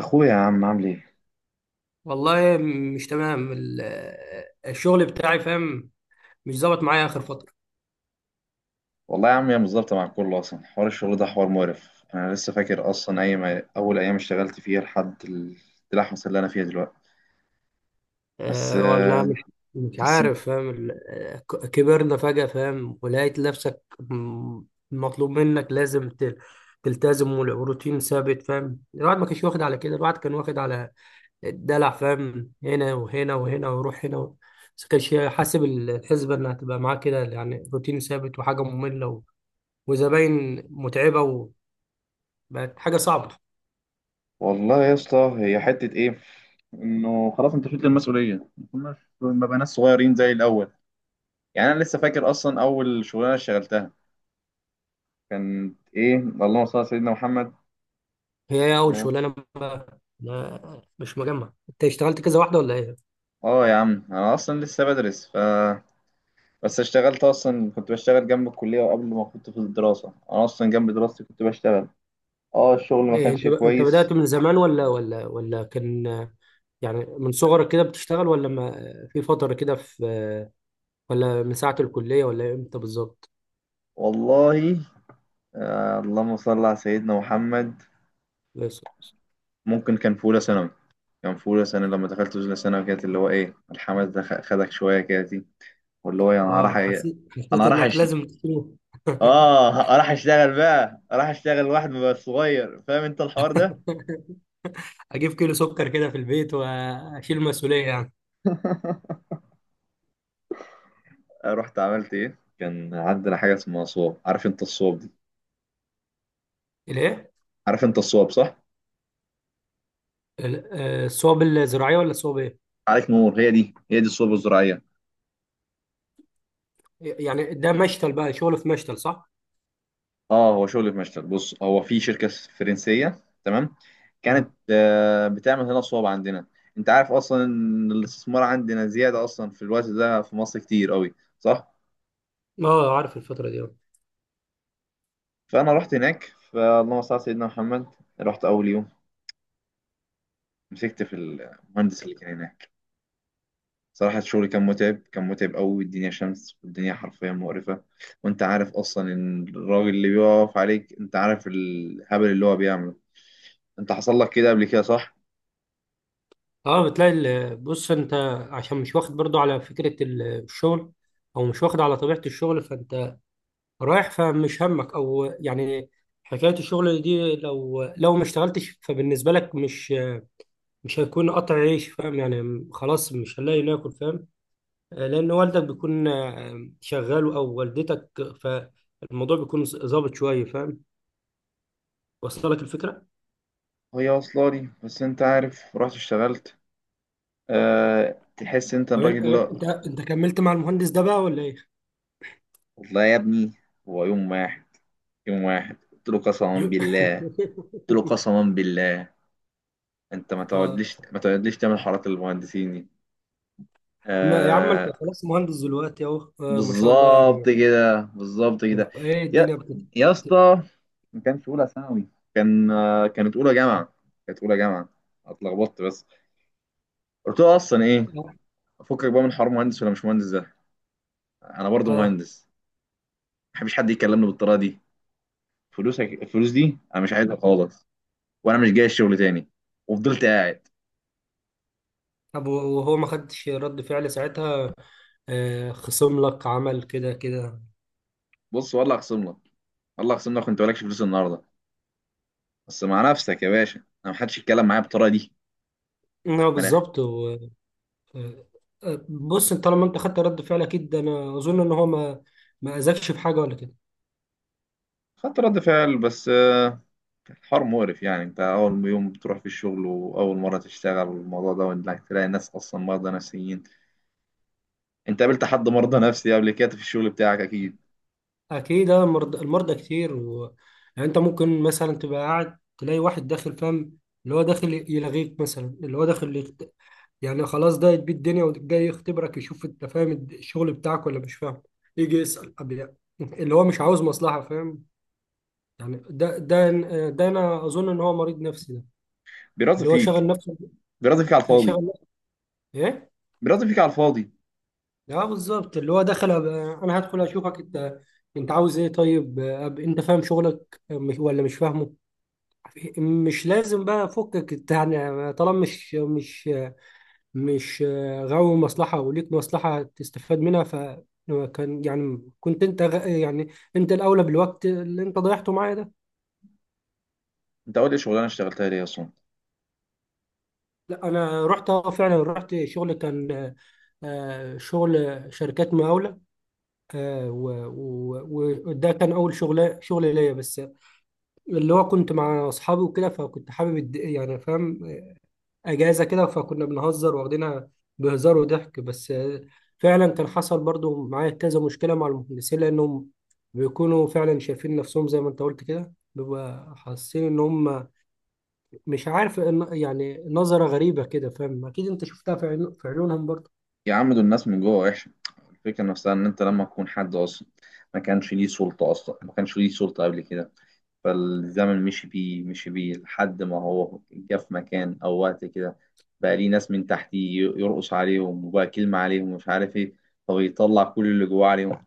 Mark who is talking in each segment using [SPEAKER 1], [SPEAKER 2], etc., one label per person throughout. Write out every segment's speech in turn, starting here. [SPEAKER 1] اخويا يا عم عامل ايه؟
[SPEAKER 2] والله، مش تمام ال-، الشغل بتاعي فاهم. مش ظابط معايا اخر فتره.
[SPEAKER 1] والله يا عم هي مش ظابطه مع الكل، اصلا حوار الشغل ده حوار مقرف. انا لسه فاكر اصلا اي ما اول ايام اشتغلت فيها لحد اللحمه اللي انا فيها دلوقتي بس
[SPEAKER 2] أه ولا
[SPEAKER 1] آه،
[SPEAKER 2] مش، مش
[SPEAKER 1] بس
[SPEAKER 2] عارف فاهم ال-، ك- كبرنا فجاه فاهم، ولقيت نفسك م- مطلوب منك لازم ت- تلتزم، والروتين ثابت فاهم. الواحد ما كانش واخد على كده، الواحد كان واخد على الدلع فاهم، هنا وهنا وهنا وروح هنا و... بس كانش حاسب الحسبه انها تبقى معاه كده، روتين ثابت وحاجه ممله و... وزباين متعبه، وبقت حاجه صعبه.
[SPEAKER 1] والله يا اسطى هي حته ايه، انه خلاص انت شلت المسؤوليه، ما كناش ما بقى ناس صغيرين زي الاول. يعني انا لسه فاكر اصلا اول شغلانه اشتغلتها كانت ايه. اللهم صل على سيدنا محمد.
[SPEAKER 2] هي إيه اول
[SPEAKER 1] اه.
[SPEAKER 2] شغلانه؟ ما- مش مجمع انت اشتغلت كذا واحده ولا ايه؟
[SPEAKER 1] آه يا عم انا اصلا لسه بدرس، بس اشتغلت. اصلا كنت بشتغل جنب الكليه، وقبل ما كنت في الدراسه انا اصلا جنب دراستي كنت بشتغل. اه الشغل ما
[SPEAKER 2] إيه،
[SPEAKER 1] كانش
[SPEAKER 2] انت انت بدأت
[SPEAKER 1] كويس.
[SPEAKER 2] من زمان ولا كان من صغرك كده بتشتغل، ولا ما في فتره كده في، ولا من ساعه الكليه ولا امتى بالظبط؟
[SPEAKER 1] والله آه اللهم صل على سيدنا محمد،
[SPEAKER 2] بس-
[SPEAKER 1] ممكن كان في اولى ثانوي. كان في اولى ثانوي، لما دخلت اولى ثانوي كانت اللي هو ايه الحماس ده خدك شويه كده دي، واللي هو انا راح.
[SPEAKER 2] اه حسيت، حسيت
[SPEAKER 1] انا راح
[SPEAKER 2] انك لازم تشيل
[SPEAKER 1] اه راح اشتغل بقى، راح اشتغل واحد بقى صغير، فاهم انت الحوار ده.
[SPEAKER 2] اجيب كيلو سكر كده في البيت واشيل المسؤوليه
[SPEAKER 1] رحت عملت ايه؟ كان عندنا حاجه اسمها صواب، عارف انت الصواب دي؟
[SPEAKER 2] الايه؟
[SPEAKER 1] عارف انت الصواب صح؟
[SPEAKER 2] ال- آه، الصواب الزراعيه ولا الصواب ايه؟
[SPEAKER 1] عليك نور، هي دي الصلب الزراعيه.
[SPEAKER 2] ده مشتل بقى، شغل في مشتل صح؟
[SPEAKER 1] اه، هو شغل في مشتل. بص هو في شركه فرنسيه، تمام؟ كانت
[SPEAKER 2] اه.
[SPEAKER 1] بتعمل هنا صوب عندنا. انت عارف اصلا ان الاستثمار عندنا زياده اصلا في الوقت ده في مصر كتير قوي، صح؟
[SPEAKER 2] آه، عارف الفتره دي آه.
[SPEAKER 1] فانا رحت هناك، فاللهم صل على سيدنا محمد. رحت اول يوم، مسكت في المهندس اللي كان هناك. صراحه الشغل كان متعب، كان متعب قوي. الدنيا شمس، والدنيا حرفيا مقرفه. وانت عارف اصلا ان الراجل اللي بيقف عليك، انت عارف الهبل اللي هو بيعمله. انت حصل لك كده قبل كده صح؟
[SPEAKER 2] اه بتلاقي ال- بص انت، عشان مش واخد برضو على فكرة ال- الشغل، او مش واخد على طبيعة الشغل، فانت رايح فمش همك او حكاية الشغل دي لو ما اشتغلتش فبالنسبة لك مش، مش هيكون قطع عيش فاهم. خلاص مش هنلاقي ناكل فاهم. آه، لان والدك بيكون آه، شغال او والدتك، فالموضوع بيكون ظابط شوية فاهم. وصل لك الفكرة؟
[SPEAKER 1] هي وصلالي، بس انت عارف رحت اشتغلت أه، تحس انت
[SPEAKER 2] طب انت،
[SPEAKER 1] الراجل لا.
[SPEAKER 2] انت كملت مع المهندس ده بقى ولا ايه؟
[SPEAKER 1] والله يا ابني، هو يوم واحد. يوم واحد قلت له قسما
[SPEAKER 2] يو-
[SPEAKER 1] بالله. قلت له قسما بالله انت ما
[SPEAKER 2] اه.
[SPEAKER 1] تقعدليش ما تقعدليش تعمل حارات المهندسين دي.
[SPEAKER 2] ما يا عم انت
[SPEAKER 1] أه
[SPEAKER 2] خلاص مهندس دلوقتي اهو، آه ما شاء الله
[SPEAKER 1] بالظبط
[SPEAKER 2] يعني.
[SPEAKER 1] كده، بالظبط
[SPEAKER 2] طب
[SPEAKER 1] كده.
[SPEAKER 2] ايه الدنيا
[SPEAKER 1] يا
[SPEAKER 2] بتت...
[SPEAKER 1] يا اسطى، ما كانش اولى ثانوي. كان كانت اولى جامعه. كانت اولى جامعه. اتلخبطت بس. قلت له اصلا ايه، افكك بقى من حوار مهندس ولا مش مهندس ده؟ انا برضو
[SPEAKER 2] اه.
[SPEAKER 1] مهندس، بحبش حد يكلمني بالطريقه دي. فلوسك الفلوس دي انا مش عايزها خالص، وانا مش جاي الشغل تاني. وفضلت قاعد.
[SPEAKER 2] طب وهو ما خدش رد فعل ساعتها؟ آه خصم لك، عمل كده كده؟
[SPEAKER 1] بص والله اخصم لك، والله اخصم لك، وانت مالكش فلوس النهارده بس مع نفسك يا باشا. انا ما حدش يتكلم معايا بالطريقه دي.
[SPEAKER 2] اه
[SPEAKER 1] من الاخر،
[SPEAKER 2] بالظبط و... آه. آه، بص انت طالما انت خدت رد فعل، اكيد ده انا اظن ان هو ما، ما اذاكش في حاجه ولا كده.
[SPEAKER 1] خدت رد فعل، بس كان حوار مقرف. يعني انت اول يوم بتروح في الشغل واول مره تشتغل الموضوع ده، وانك تلاقي ناس اصلا مرضى نفسيين. انت قابلت حد مرضى نفسي قبل كده في الشغل بتاعك اكيد.
[SPEAKER 2] اكيد آه، مرض- المرضى كتير و... انت ممكن مثلا تبقى قاعد تلاقي واحد داخل فاهم، اللي هو داخل يلغيك، مثلا اللي هو داخل خلاص ده يتبي الدنيا وجاي يختبرك، يشوف انت فاهم الشغل بتاعك ولا مش فاهم، يجي يسأل أب يعني. اللي هو مش عاوز مصلحة فاهم. يعني ده ده ده انا اظن ان هو مريض نفسي ده،
[SPEAKER 1] بيراضي
[SPEAKER 2] اللي هو
[SPEAKER 1] فيك،
[SPEAKER 2] شغل نفسه،
[SPEAKER 1] بيراضي فيك على الفاضي،
[SPEAKER 2] شغل نفسه ايه.
[SPEAKER 1] بيراضي فيك على الفاضي.
[SPEAKER 2] اه بالظبط، اللي هو دخل أب- انا هدخل اشوفك انت، انت عاوز ايه طيب أب، انت فاهم شغلك مش ولا مش فاهمه؟ مش لازم بقى فكك انت، طالما مش مش آه، غاوي مصلحة وليك مصلحة تستفاد منها، ف كان كنت انت غ- يعني انت الاولى بالوقت اللي انت ضيعته معايا ده.
[SPEAKER 1] انت اول شغلانه اشتغلتها ليه اصلا؟
[SPEAKER 2] لا انا رحت، اه فعلا رحت شغل كان آه، آه، شغل شركات مقاولة آه، وده كان اول شغل، شغل ليا بس اللي هو كنت مع اصحابي وكده، فكنت حابب الد- فاهم، اجازه كده فكنا بنهزر واخدينها بهزار وضحك بس آه، فعلا كان حصل برضو معايا كذا مشكله مع المهندسين، لانهم بيكونوا فعلا شايفين نفسهم زي ما انت قلت كده، بيبقى حاسين ان هم مش عارف إن نظره غريبه كده فاهم. اكيد انت شفتها في عيون- في عيونهم برضو.
[SPEAKER 1] يا عم دول الناس من جوه وحشة. الفكرة نفسها إن أنت لما تكون حد أصلا ما كانش ليه سلطة أصلا ما كانش ليه سلطة قبل كده، فالزمن مشي بيه لحد ما هو جه في مكان أو وقت كده، بقى ليه ناس من تحتيه يرقص عليهم، وبقى كلمة عليهم ومش عارف إيه، فبيطلع كل اللي جواه عليهم.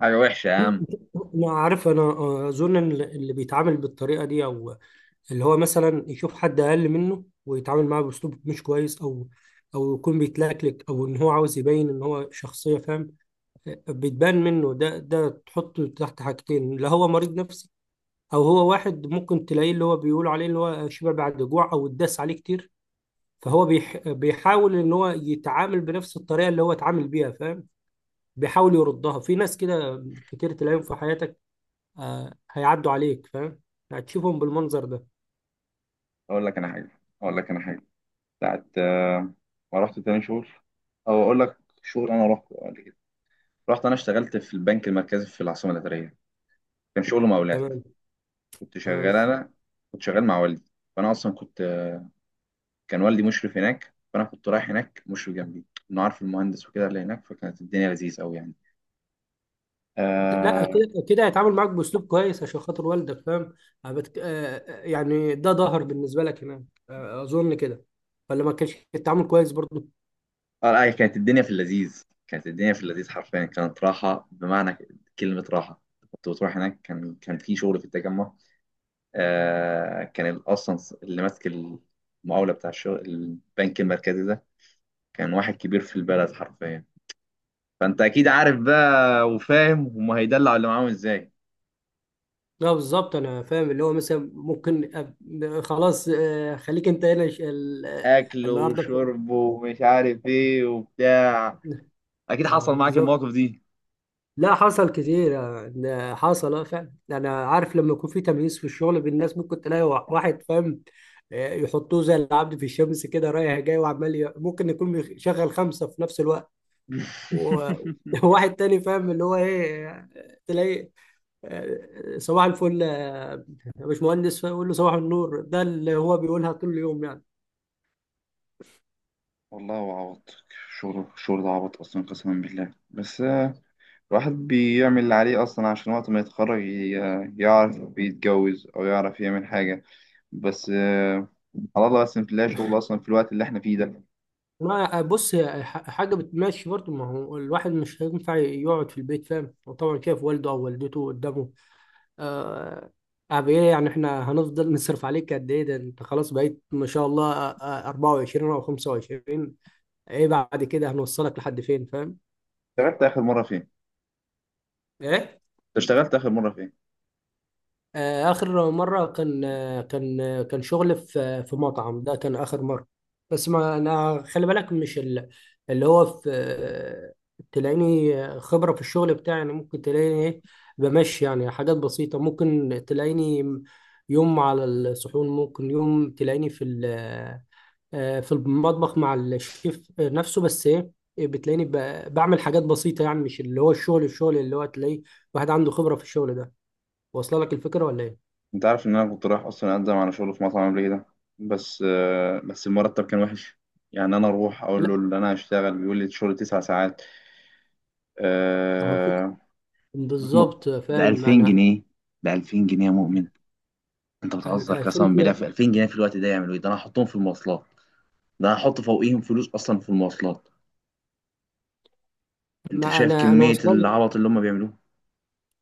[SPEAKER 1] حاجة وحشة يا عم.
[SPEAKER 2] انا عارف، انا آه، اظن إن اللي بيتعامل بالطريقه دي، او اللي هو مثلا يشوف حد اقل منه ويتعامل معاه باسلوب مش كويس، او او يكون بيتلكلك، او ان هو عاوز يبين ان هو شخصيه فاهم بتبان منه، ده تحطه تحت حاجتين: لا هو مريض نفسي، او هو واحد ممكن تلاقيه اللي هو بيقولوا عليه اللي هو شبع بعد جوع، او اتداس عليه كتير، فهو بيحاول ان هو يتعامل بنفس الطريقه اللي هو اتعامل بيها فاهم، بيحاول يردها في ناس. كده كتير تلاقيهم في حياتك. آه هيعدوا عليك فاهم، هتشوفهم بالمنظر ده.
[SPEAKER 1] أقول لك أنا حاجة أقول لك أنا حاجة بتاعت ما رحت تاني شغل، أو أقول لك شغل أنا رحت قبل كده. رحت أنا اشتغلت في البنك المركزي في العاصمة الإدارية. كان شغل مقاولات.
[SPEAKER 2] تمام.
[SPEAKER 1] كنت
[SPEAKER 2] تمام.
[SPEAKER 1] شغال انا، كنت شغال مع والدي. فانا اصلا كنت، كان والدي مشرف هناك، فانا كنت رايح هناك مشرف جنبي، انه عارف المهندس وكده اللي هناك. فكانت الدنيا لذيذ قوي يعني.
[SPEAKER 2] لا
[SPEAKER 1] اه.
[SPEAKER 2] كده كده هيتعامل معاك باسلوب كويس عشان خاطر والدك فاهم. هبت- آه، ده ظهر بالنسبه لك هناك آه، اظن كده. ولا ما كانش التعامل كويس برضه؟
[SPEAKER 1] أي كانت الدنيا في اللذيذ، كانت الدنيا في اللذيذ حرفيا. كانت راحه بمعنى كلمه راحه. كنت بتروح هناك، كان في شغل في التجمع. آه كان اصلا اللي ماسك المقاوله بتاع الشغل البنك المركزي ده كان واحد كبير في البلد حرفيا. فانت اكيد عارف بقى وفاهم هم هيدلعوا اللي معاهم ازاي.
[SPEAKER 2] لا بالظبط، انا فاهم. اللي هو مثلا ممكن أب- خلاص آه، خليك انت هنا ش- ال- آه،
[SPEAKER 1] اكله
[SPEAKER 2] النهارده في-
[SPEAKER 1] وشربه ومش عارف ايه وبتاع. اكيد
[SPEAKER 2] آه،
[SPEAKER 1] حصل معاك
[SPEAKER 2] بالظبط.
[SPEAKER 1] المواقف دي.
[SPEAKER 2] لا حصل كتير آه، ده حصل، اه فعلا انا عارف لما يكون في تمييز في الشغل بين الناس. ممكن تلاقي وا- واحد فاهم آه، يحطوه زي العبد في الشمس كده، رايح جاي وعمال ي- ممكن يكون مشغل خمسه في نفس الوقت، و- وواحد تاني فاهم اللي هو ايه، تلاقي آه، صباح الفل آه، يا باشمهندس، فيقول له صباح النور. ده اللي هو بيقولها طول اليوم يعني.
[SPEAKER 1] والله هو عبط. الشغل ده عبط اصلا قسما بالله، بس الواحد بيعمل اللي عليه اصلا عشان وقت ما يتخرج يعرف يتجوز او يعرف يعمل حاجه. بس على الله، بس في الله شغل اصلا في الوقت اللي احنا فيه ده.
[SPEAKER 2] ما بص هي ح- حاجة بتمشي برضه، ما هو الواحد مش هينفع يقعد في البيت فاهم، وطبعا شايف والده أو والدته قدامه آه، أب إيه إحنا هنفضل نصرف عليك قد إيه؟ ده أنت خلاص بقيت ما شاء الله آه، آه، 24 أو 25. إيه بعد كده، هنوصلك لحد فين فاهم؟
[SPEAKER 1] اشتغلت اخر مره فين؟
[SPEAKER 2] إيه؟
[SPEAKER 1] اشتغلت اخر مره فين؟
[SPEAKER 2] آه، آخر مرة كان آه، كان آه، كان شغل في في مطعم، ده كان آخر مرة. بس ما أنا خلي بالك مش ال-، اللي هو في آه، تلاقيني خبرة في الشغل بتاعي، ممكن تلاقيني إيه، بمشي حاجات بسيطة. ممكن تلاقيني يوم على الصحون، ممكن يوم تلاقيني في ال- آه، آه، في المطبخ مع الشيف نفسه، بس إيه، بتلاقيني ب- بعمل حاجات بسيطة مش اللي هو الشغل، الشغل اللي هو تلاقي واحد عنده خبرة في الشغل ده. واصلة لك الفكرة ولا إيه؟
[SPEAKER 1] انت عارف ان انا كنت رايح اصلا اقدم على شغل في مطعم قبل كده، بس بس المرتب كان وحش. يعني انا اروح اقول له
[SPEAKER 2] لا
[SPEAKER 1] ان انا هشتغل، بيقول لي شغل تسع ساعات.
[SPEAKER 2] هو فكرة،
[SPEAKER 1] آه، بتن-
[SPEAKER 2] بالظبط
[SPEAKER 1] ده
[SPEAKER 2] فاهم
[SPEAKER 1] 2000
[SPEAKER 2] انا.
[SPEAKER 1] جنيه ده 2000 جنيه يا مؤمن. انت
[SPEAKER 2] ال-
[SPEAKER 1] بتهزر قسما بالله، في
[SPEAKER 2] الفكره،
[SPEAKER 1] 2000 جنيه في الوقت ده يعملوا ايه؟ ده انا هحطهم في المواصلات، ده انا هحط فوقيهم فلوس اصلا في المواصلات. انت
[SPEAKER 2] ما
[SPEAKER 1] شايف
[SPEAKER 2] انا، انا
[SPEAKER 1] كمية
[SPEAKER 2] واصله،
[SPEAKER 1] العبط اللي هم بيعملوه؟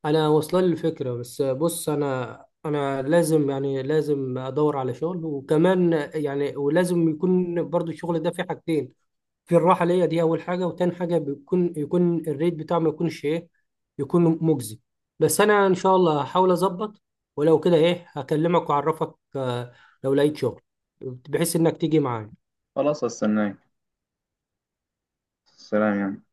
[SPEAKER 2] انا واصله لي الفكره، بس بص انا، انا لازم لازم ادور على شغل، وكمان ولازم يكون برضو الشغل ده فيه حاجتين: في الراحه ليا دي اول حاجه، وتاني حاجه بيكون، يكون الريت بتاعه ما يكونش ايه، يكون مجزي. بس انا ان شاء الله هحاول اظبط، ولو كده ايه هكلمك واعرفك آه، لو لقيت شغل، بحيث انك تيجي معايا.
[SPEAKER 1] خلاص هستناك. سلام يعني.